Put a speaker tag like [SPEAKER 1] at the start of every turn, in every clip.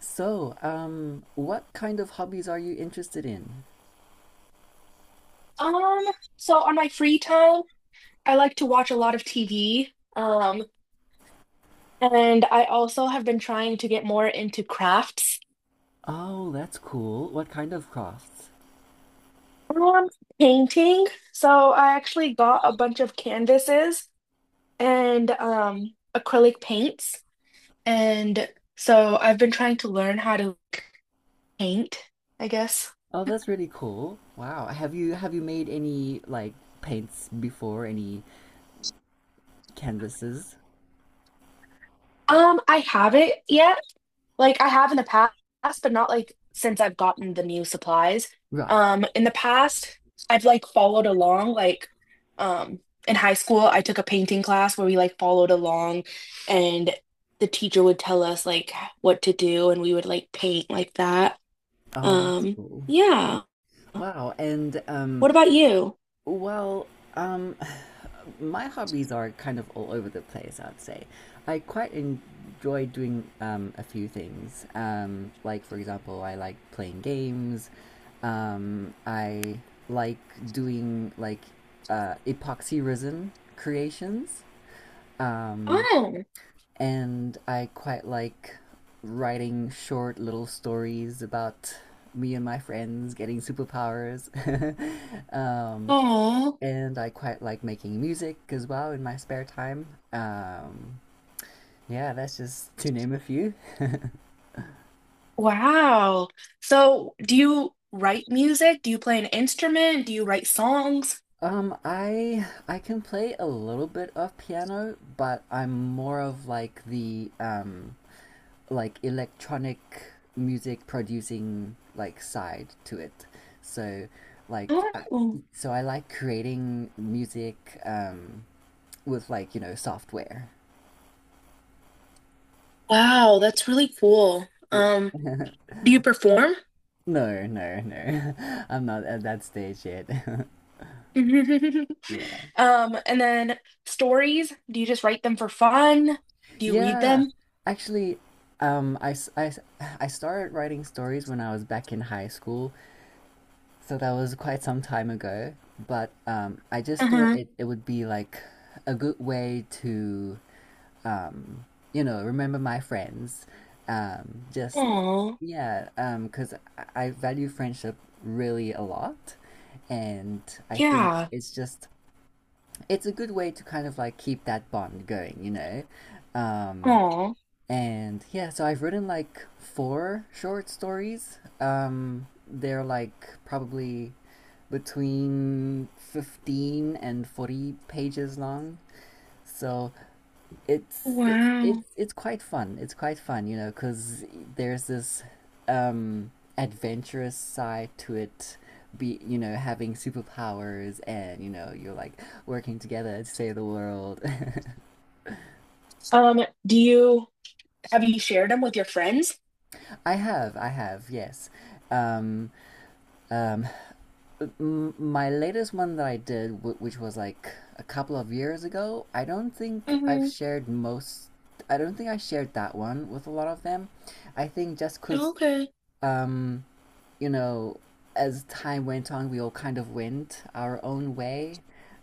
[SPEAKER 1] So, what kind of hobbies are you interested in?
[SPEAKER 2] Um, so on my free time, I like to watch a lot of TV. Um, and I also have been trying to get more into crafts.
[SPEAKER 1] Oh, that's cool. What kind of crafts?
[SPEAKER 2] Um, Painting. So I actually got a bunch of canvases and acrylic paints. And so I've been trying to learn how to like, paint, I guess.
[SPEAKER 1] Oh, that's really cool. Wow. Have you made any like paints before, any canvases?
[SPEAKER 2] I haven't yet. Like I have in the past, but not like since I've gotten the new supplies.
[SPEAKER 1] Right.
[SPEAKER 2] In the past, I've like followed along. Um, in high school, I took a painting class where we like followed along, and the teacher would tell us like what to do, and we would like paint like that.
[SPEAKER 1] Oh, that's
[SPEAKER 2] Um,
[SPEAKER 1] cool.
[SPEAKER 2] yeah.
[SPEAKER 1] Wow. And.
[SPEAKER 2] What about you?
[SPEAKER 1] Well, um, my hobbies are kind of all over the place, I'd say. I quite enjoy doing a few things. Like, for example, I like playing games. I like doing like epoxy resin creations. Um,
[SPEAKER 2] Oh,
[SPEAKER 1] and I quite like writing short little stories about me and my friends getting superpowers. um,
[SPEAKER 2] oh,
[SPEAKER 1] and I quite like making music as well in my spare time. Yeah, that's just to name a few.
[SPEAKER 2] wow. So, do you write music? Do you play an instrument? Do you write songs?
[SPEAKER 1] I can play a little bit of piano, but I'm more of like the like electronic music producing like side to it. So like I,
[SPEAKER 2] Oh.
[SPEAKER 1] so I like creating music with like software.
[SPEAKER 2] Wow, that's really cool.
[SPEAKER 1] Yeah.
[SPEAKER 2] Do you perform?
[SPEAKER 1] No, no, no. I'm not at that stage yet. Yeah.
[SPEAKER 2] And then stories, do you just write them for fun? Do you read
[SPEAKER 1] Yeah.
[SPEAKER 2] them?
[SPEAKER 1] Actually, um, I, s- I s- I started writing stories when I was back in high school, so that was quite some time ago. But I just thought
[SPEAKER 2] Uh-huh.
[SPEAKER 1] it would be like a good way to, um, remember my friends. Just,
[SPEAKER 2] Oh,
[SPEAKER 1] yeah, 'cause I value friendship really a lot. And I think
[SPEAKER 2] yeah.
[SPEAKER 1] it's just, it's a good way to kind of like keep that bond going, you know? Um,
[SPEAKER 2] Oh,
[SPEAKER 1] And yeah, so I've written like four short stories. They're like probably between 15 and 40 pages long. So it's it, it's
[SPEAKER 2] wow.
[SPEAKER 1] it's quite fun. It's quite fun, cuz there's this um adventurous side to it be having superpowers and you're like working together to save the world.
[SPEAKER 2] Do you have you shared them with your friends?
[SPEAKER 1] I have, yes. um um my latest one that I did, which was like a couple of years ago, I don't think I've
[SPEAKER 2] Mm-hmm.
[SPEAKER 1] shared most. I don't think I shared that one with a lot of them. I think just because,
[SPEAKER 2] Okay.
[SPEAKER 1] um, you know, as time went on, we all kind of went our own way,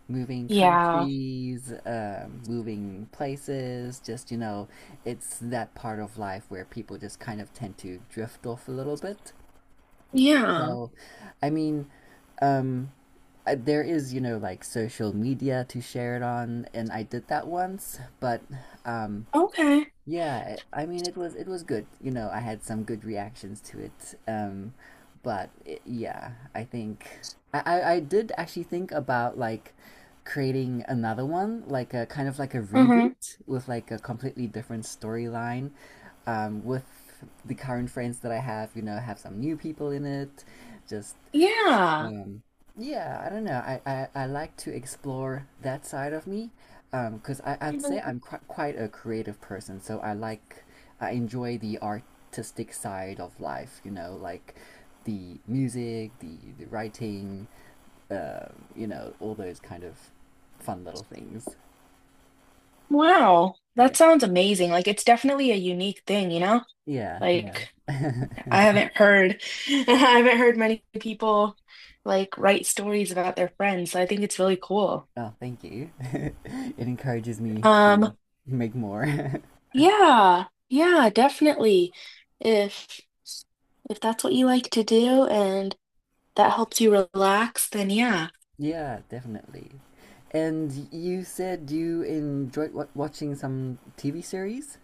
[SPEAKER 1] moving
[SPEAKER 2] Yeah.
[SPEAKER 1] countries, moving places. Just, it's that part of life where people just kind of tend to drift off a little bit.
[SPEAKER 2] Yeah.
[SPEAKER 1] So, I mean, um, there is, like social media to share it on, and I did that once, but um,
[SPEAKER 2] Okay.
[SPEAKER 1] yeah, I mean it was good. You know, I had some good reactions to it. But yeah, I think I did actually think about like creating another one, like a kind of like a
[SPEAKER 2] Uh-huh.
[SPEAKER 1] reboot with like a completely different storyline, with the current friends that I have. You know, have some new people in it, just
[SPEAKER 2] Yeah.
[SPEAKER 1] um, yeah, I don't know. I like to explore that side of me, because I'd say
[SPEAKER 2] Mhm.
[SPEAKER 1] I'm qu quite a creative person, so I enjoy the artistic side of life, you know, like the music, the writing, uh, you know, all those kind of fun little things.
[SPEAKER 2] Wow.
[SPEAKER 1] Yeah,
[SPEAKER 2] That sounds amazing. Like it's definitely a unique thing, you know?
[SPEAKER 1] yeah, yeah.
[SPEAKER 2] Like I haven't heard, I haven't heard many people like write stories about their friends, so I think it's really cool.
[SPEAKER 1] Oh, thank you. It encourages me to
[SPEAKER 2] Um,
[SPEAKER 1] make more.
[SPEAKER 2] yeah, yeah, definitely. If if that's what you like to do and that helps you relax, then yeah.
[SPEAKER 1] Yeah, definitely. And you said you enjoyed wa watching some TV series?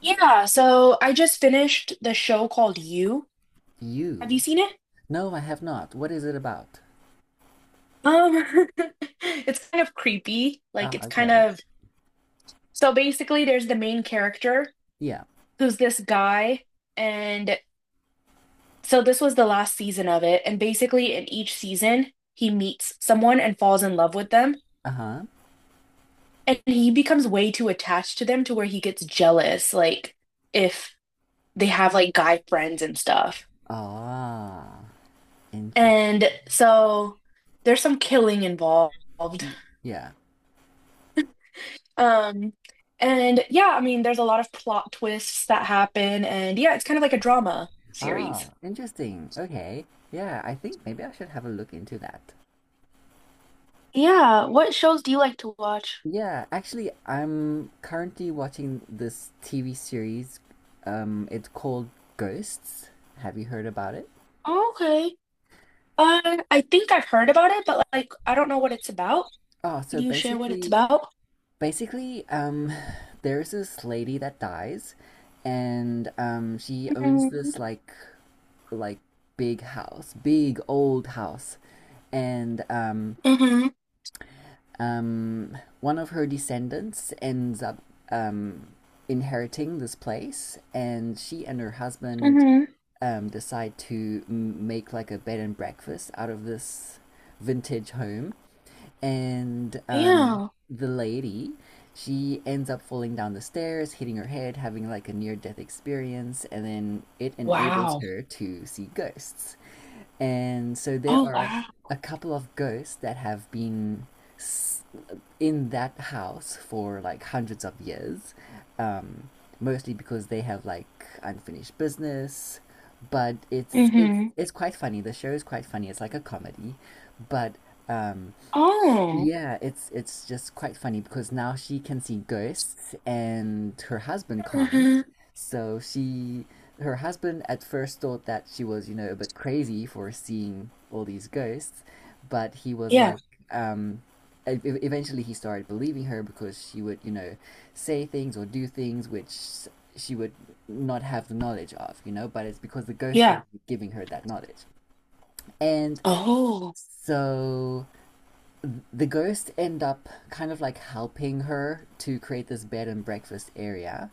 [SPEAKER 2] Yeah, so I just finished the show called You. Have you
[SPEAKER 1] You?
[SPEAKER 2] seen it?
[SPEAKER 1] No, I have not. What is it about?
[SPEAKER 2] Um, it's kind of creepy. Like
[SPEAKER 1] Oh,
[SPEAKER 2] it's kind
[SPEAKER 1] okay.
[SPEAKER 2] of So basically there's the main character
[SPEAKER 1] Yeah.
[SPEAKER 2] who's this guy and so this was the last season of it, and basically in each season, he meets someone and falls in love with them,
[SPEAKER 1] Uh-huh.
[SPEAKER 2] and he becomes way too attached to them to where he gets jealous, like if they have like guy friends and stuff.
[SPEAKER 1] Ah,
[SPEAKER 2] And
[SPEAKER 1] interesting.
[SPEAKER 2] so there's some killing involved.
[SPEAKER 1] Y- Yeah.
[SPEAKER 2] Um, and yeah, I mean, there's a lot of plot twists that happen, and yeah, it's kind of like a drama series.
[SPEAKER 1] Ah, interesting. Okay. Yeah, I think maybe I should have a look into that.
[SPEAKER 2] Yeah, what shows do you like to watch?
[SPEAKER 1] Yeah, actually, I'm currently watching this TV series. It's called Ghosts. Have you heard about it?
[SPEAKER 2] Okay. I think I've heard about it, but like I don't know what it's about.
[SPEAKER 1] Oh,
[SPEAKER 2] Can
[SPEAKER 1] so
[SPEAKER 2] you share what it's
[SPEAKER 1] basically,
[SPEAKER 2] about?
[SPEAKER 1] basically, um, there's this lady that dies, and she owns
[SPEAKER 2] Mm-hmm.
[SPEAKER 1] this like big house, big old house, and
[SPEAKER 2] Mm-hmm.
[SPEAKER 1] one of her descendants ends up um, inheriting this place, and she and her husband
[SPEAKER 2] Mm-hmm.
[SPEAKER 1] decide to make like a bed and breakfast out of this vintage home. And
[SPEAKER 2] Yeah.
[SPEAKER 1] the lady, she ends up falling down the stairs, hitting her head, having like a near death experience, and then it enables
[SPEAKER 2] Wow.
[SPEAKER 1] her to see ghosts. And so there
[SPEAKER 2] Oh,
[SPEAKER 1] are
[SPEAKER 2] wow.
[SPEAKER 1] a couple of ghosts that have been s- in that house for like hundreds of years, um, mostly because they have like unfinished business. But it's it's
[SPEAKER 2] Mm-hmm.
[SPEAKER 1] it's quite funny. The show is quite funny. It's like a comedy, but um,
[SPEAKER 2] Oh.
[SPEAKER 1] yeah, it's just quite funny because now she can see ghosts and her husband can't.
[SPEAKER 2] Mm-hmm.
[SPEAKER 1] So she her husband at first thought that she was a bit crazy for seeing all these ghosts, but he was
[SPEAKER 2] Yeah.
[SPEAKER 1] like um e- e- eventually he started believing her because she would say things or do things which she would not have the knowledge of but it's because the ghost was
[SPEAKER 2] Yeah.
[SPEAKER 1] giving her that knowledge. And
[SPEAKER 2] Oh.
[SPEAKER 1] so the ghosts end up kind of like helping her to create this bed and breakfast area,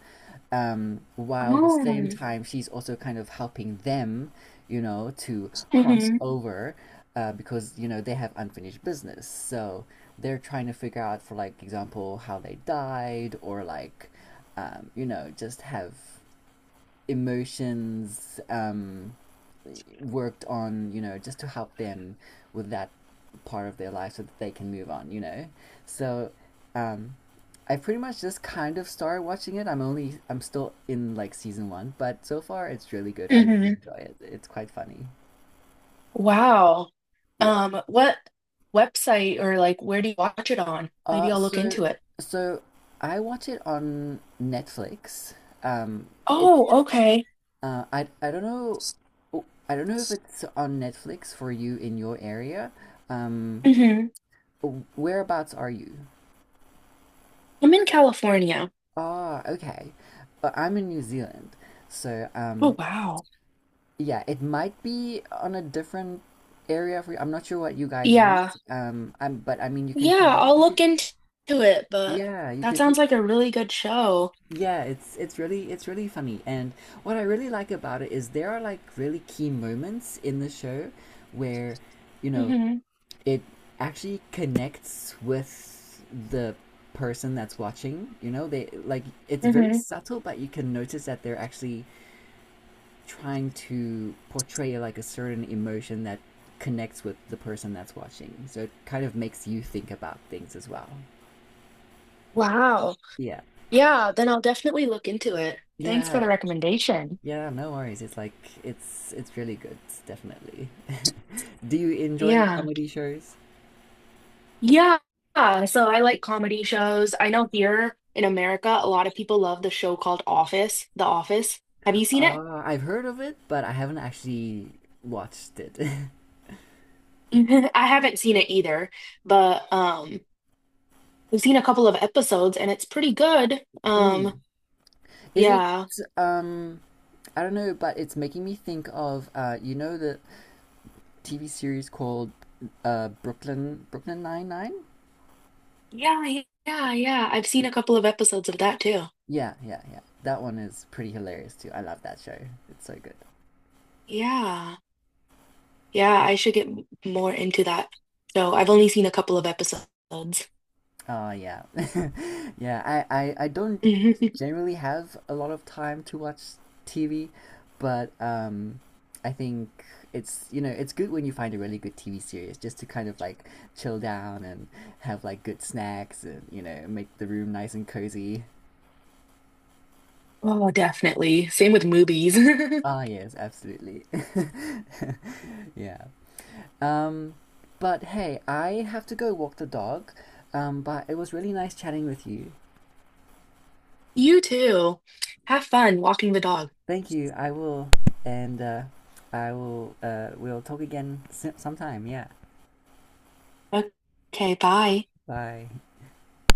[SPEAKER 1] while the same
[SPEAKER 2] Oh.
[SPEAKER 1] time she's also kind of helping them to cross
[SPEAKER 2] Mm-hmm.
[SPEAKER 1] over, because they have unfinished business. So they're trying to figure out, for like example, how they died or like, just have emotions worked on, just to help them with that part of their life so that they can move on, you know? So um, I pretty much just kind of started watching it. I'm still in like season one, but so far it's really good. I really
[SPEAKER 2] Mm-hmm.
[SPEAKER 1] enjoy it. It's quite funny.
[SPEAKER 2] Wow.
[SPEAKER 1] Yeah.
[SPEAKER 2] What website or like where do you watch it on? Maybe
[SPEAKER 1] Uh,
[SPEAKER 2] I'll look
[SPEAKER 1] so,
[SPEAKER 2] into it.
[SPEAKER 1] so, I watch it on Netflix. Um, it
[SPEAKER 2] Oh, okay.
[SPEAKER 1] I don't know. Oh, I don't know if it's on Netflix for you in your area. Um,
[SPEAKER 2] Mm-hmm.
[SPEAKER 1] Whereabouts are you?
[SPEAKER 2] I'm in California.
[SPEAKER 1] Ah, okay. But I'm in New Zealand, so
[SPEAKER 2] Oh, wow.
[SPEAKER 1] yeah, it might be on a different area for you. I'm not sure what you guys
[SPEAKER 2] Yeah.
[SPEAKER 1] use. I'm but I mean you can
[SPEAKER 2] Yeah,
[SPEAKER 1] try.
[SPEAKER 2] I'll
[SPEAKER 1] You could,
[SPEAKER 2] look into it, but
[SPEAKER 1] yeah, you
[SPEAKER 2] that
[SPEAKER 1] could.
[SPEAKER 2] sounds like a really good show.
[SPEAKER 1] Yeah, it's really it's really funny. And what I really like about it is there are like really key moments in the show where, you know,
[SPEAKER 2] Hmm.
[SPEAKER 1] it actually connects with the person that's watching. You know, they like it's very
[SPEAKER 2] Hmm.
[SPEAKER 1] subtle, but you can notice that they're actually trying to portray like a certain emotion that connects with the person that's watching. So it kind of makes you think about things as well.
[SPEAKER 2] Wow.
[SPEAKER 1] Yeah.
[SPEAKER 2] Yeah, then I'll definitely look into it. Thanks for
[SPEAKER 1] Yeah.
[SPEAKER 2] the recommendation.
[SPEAKER 1] Yeah, no worries. It's like it's really good, definitely. Do you enjoy
[SPEAKER 2] Yeah.
[SPEAKER 1] comedy shows?
[SPEAKER 2] Yeah. So I like comedy shows. I know here in America, a lot of people love the show called Office, The Office. Have you seen it?
[SPEAKER 1] I've heard of it, but I haven't actually watched it.
[SPEAKER 2] I haven't seen it either, but I've seen a couple of episodes and it's pretty good. Um,
[SPEAKER 1] Mm. Is it?
[SPEAKER 2] yeah.
[SPEAKER 1] Um, I don't know, but it's making me think of you know the TV series called Brooklyn Nine Nine.
[SPEAKER 2] Yeah, yeah, yeah. I've seen a couple of episodes of that too.
[SPEAKER 1] Yeah, yeah, yeah. That one is pretty hilarious too. I love that show. It's so good.
[SPEAKER 2] Yeah. Yeah, I should get more into that. So
[SPEAKER 1] Yeah.
[SPEAKER 2] I've only seen a couple of episodes.
[SPEAKER 1] Oh yeah, yeah. I don't generally have a lot of time to watch TV, but I think it's good when you find a really good TV series just to kind of like chill down and have like good snacks and make the room nice and cozy.
[SPEAKER 2] Oh, definitely. Same with movies.
[SPEAKER 1] Ah yes, absolutely. Yeah. Um, but hey, I have to go walk the dog. But it was really nice chatting with you.
[SPEAKER 2] You too. Have fun walking the dog.
[SPEAKER 1] Thank you. I will, and I will. We'll talk again sometime. Yeah.
[SPEAKER 2] Okay, bye.
[SPEAKER 1] Bye.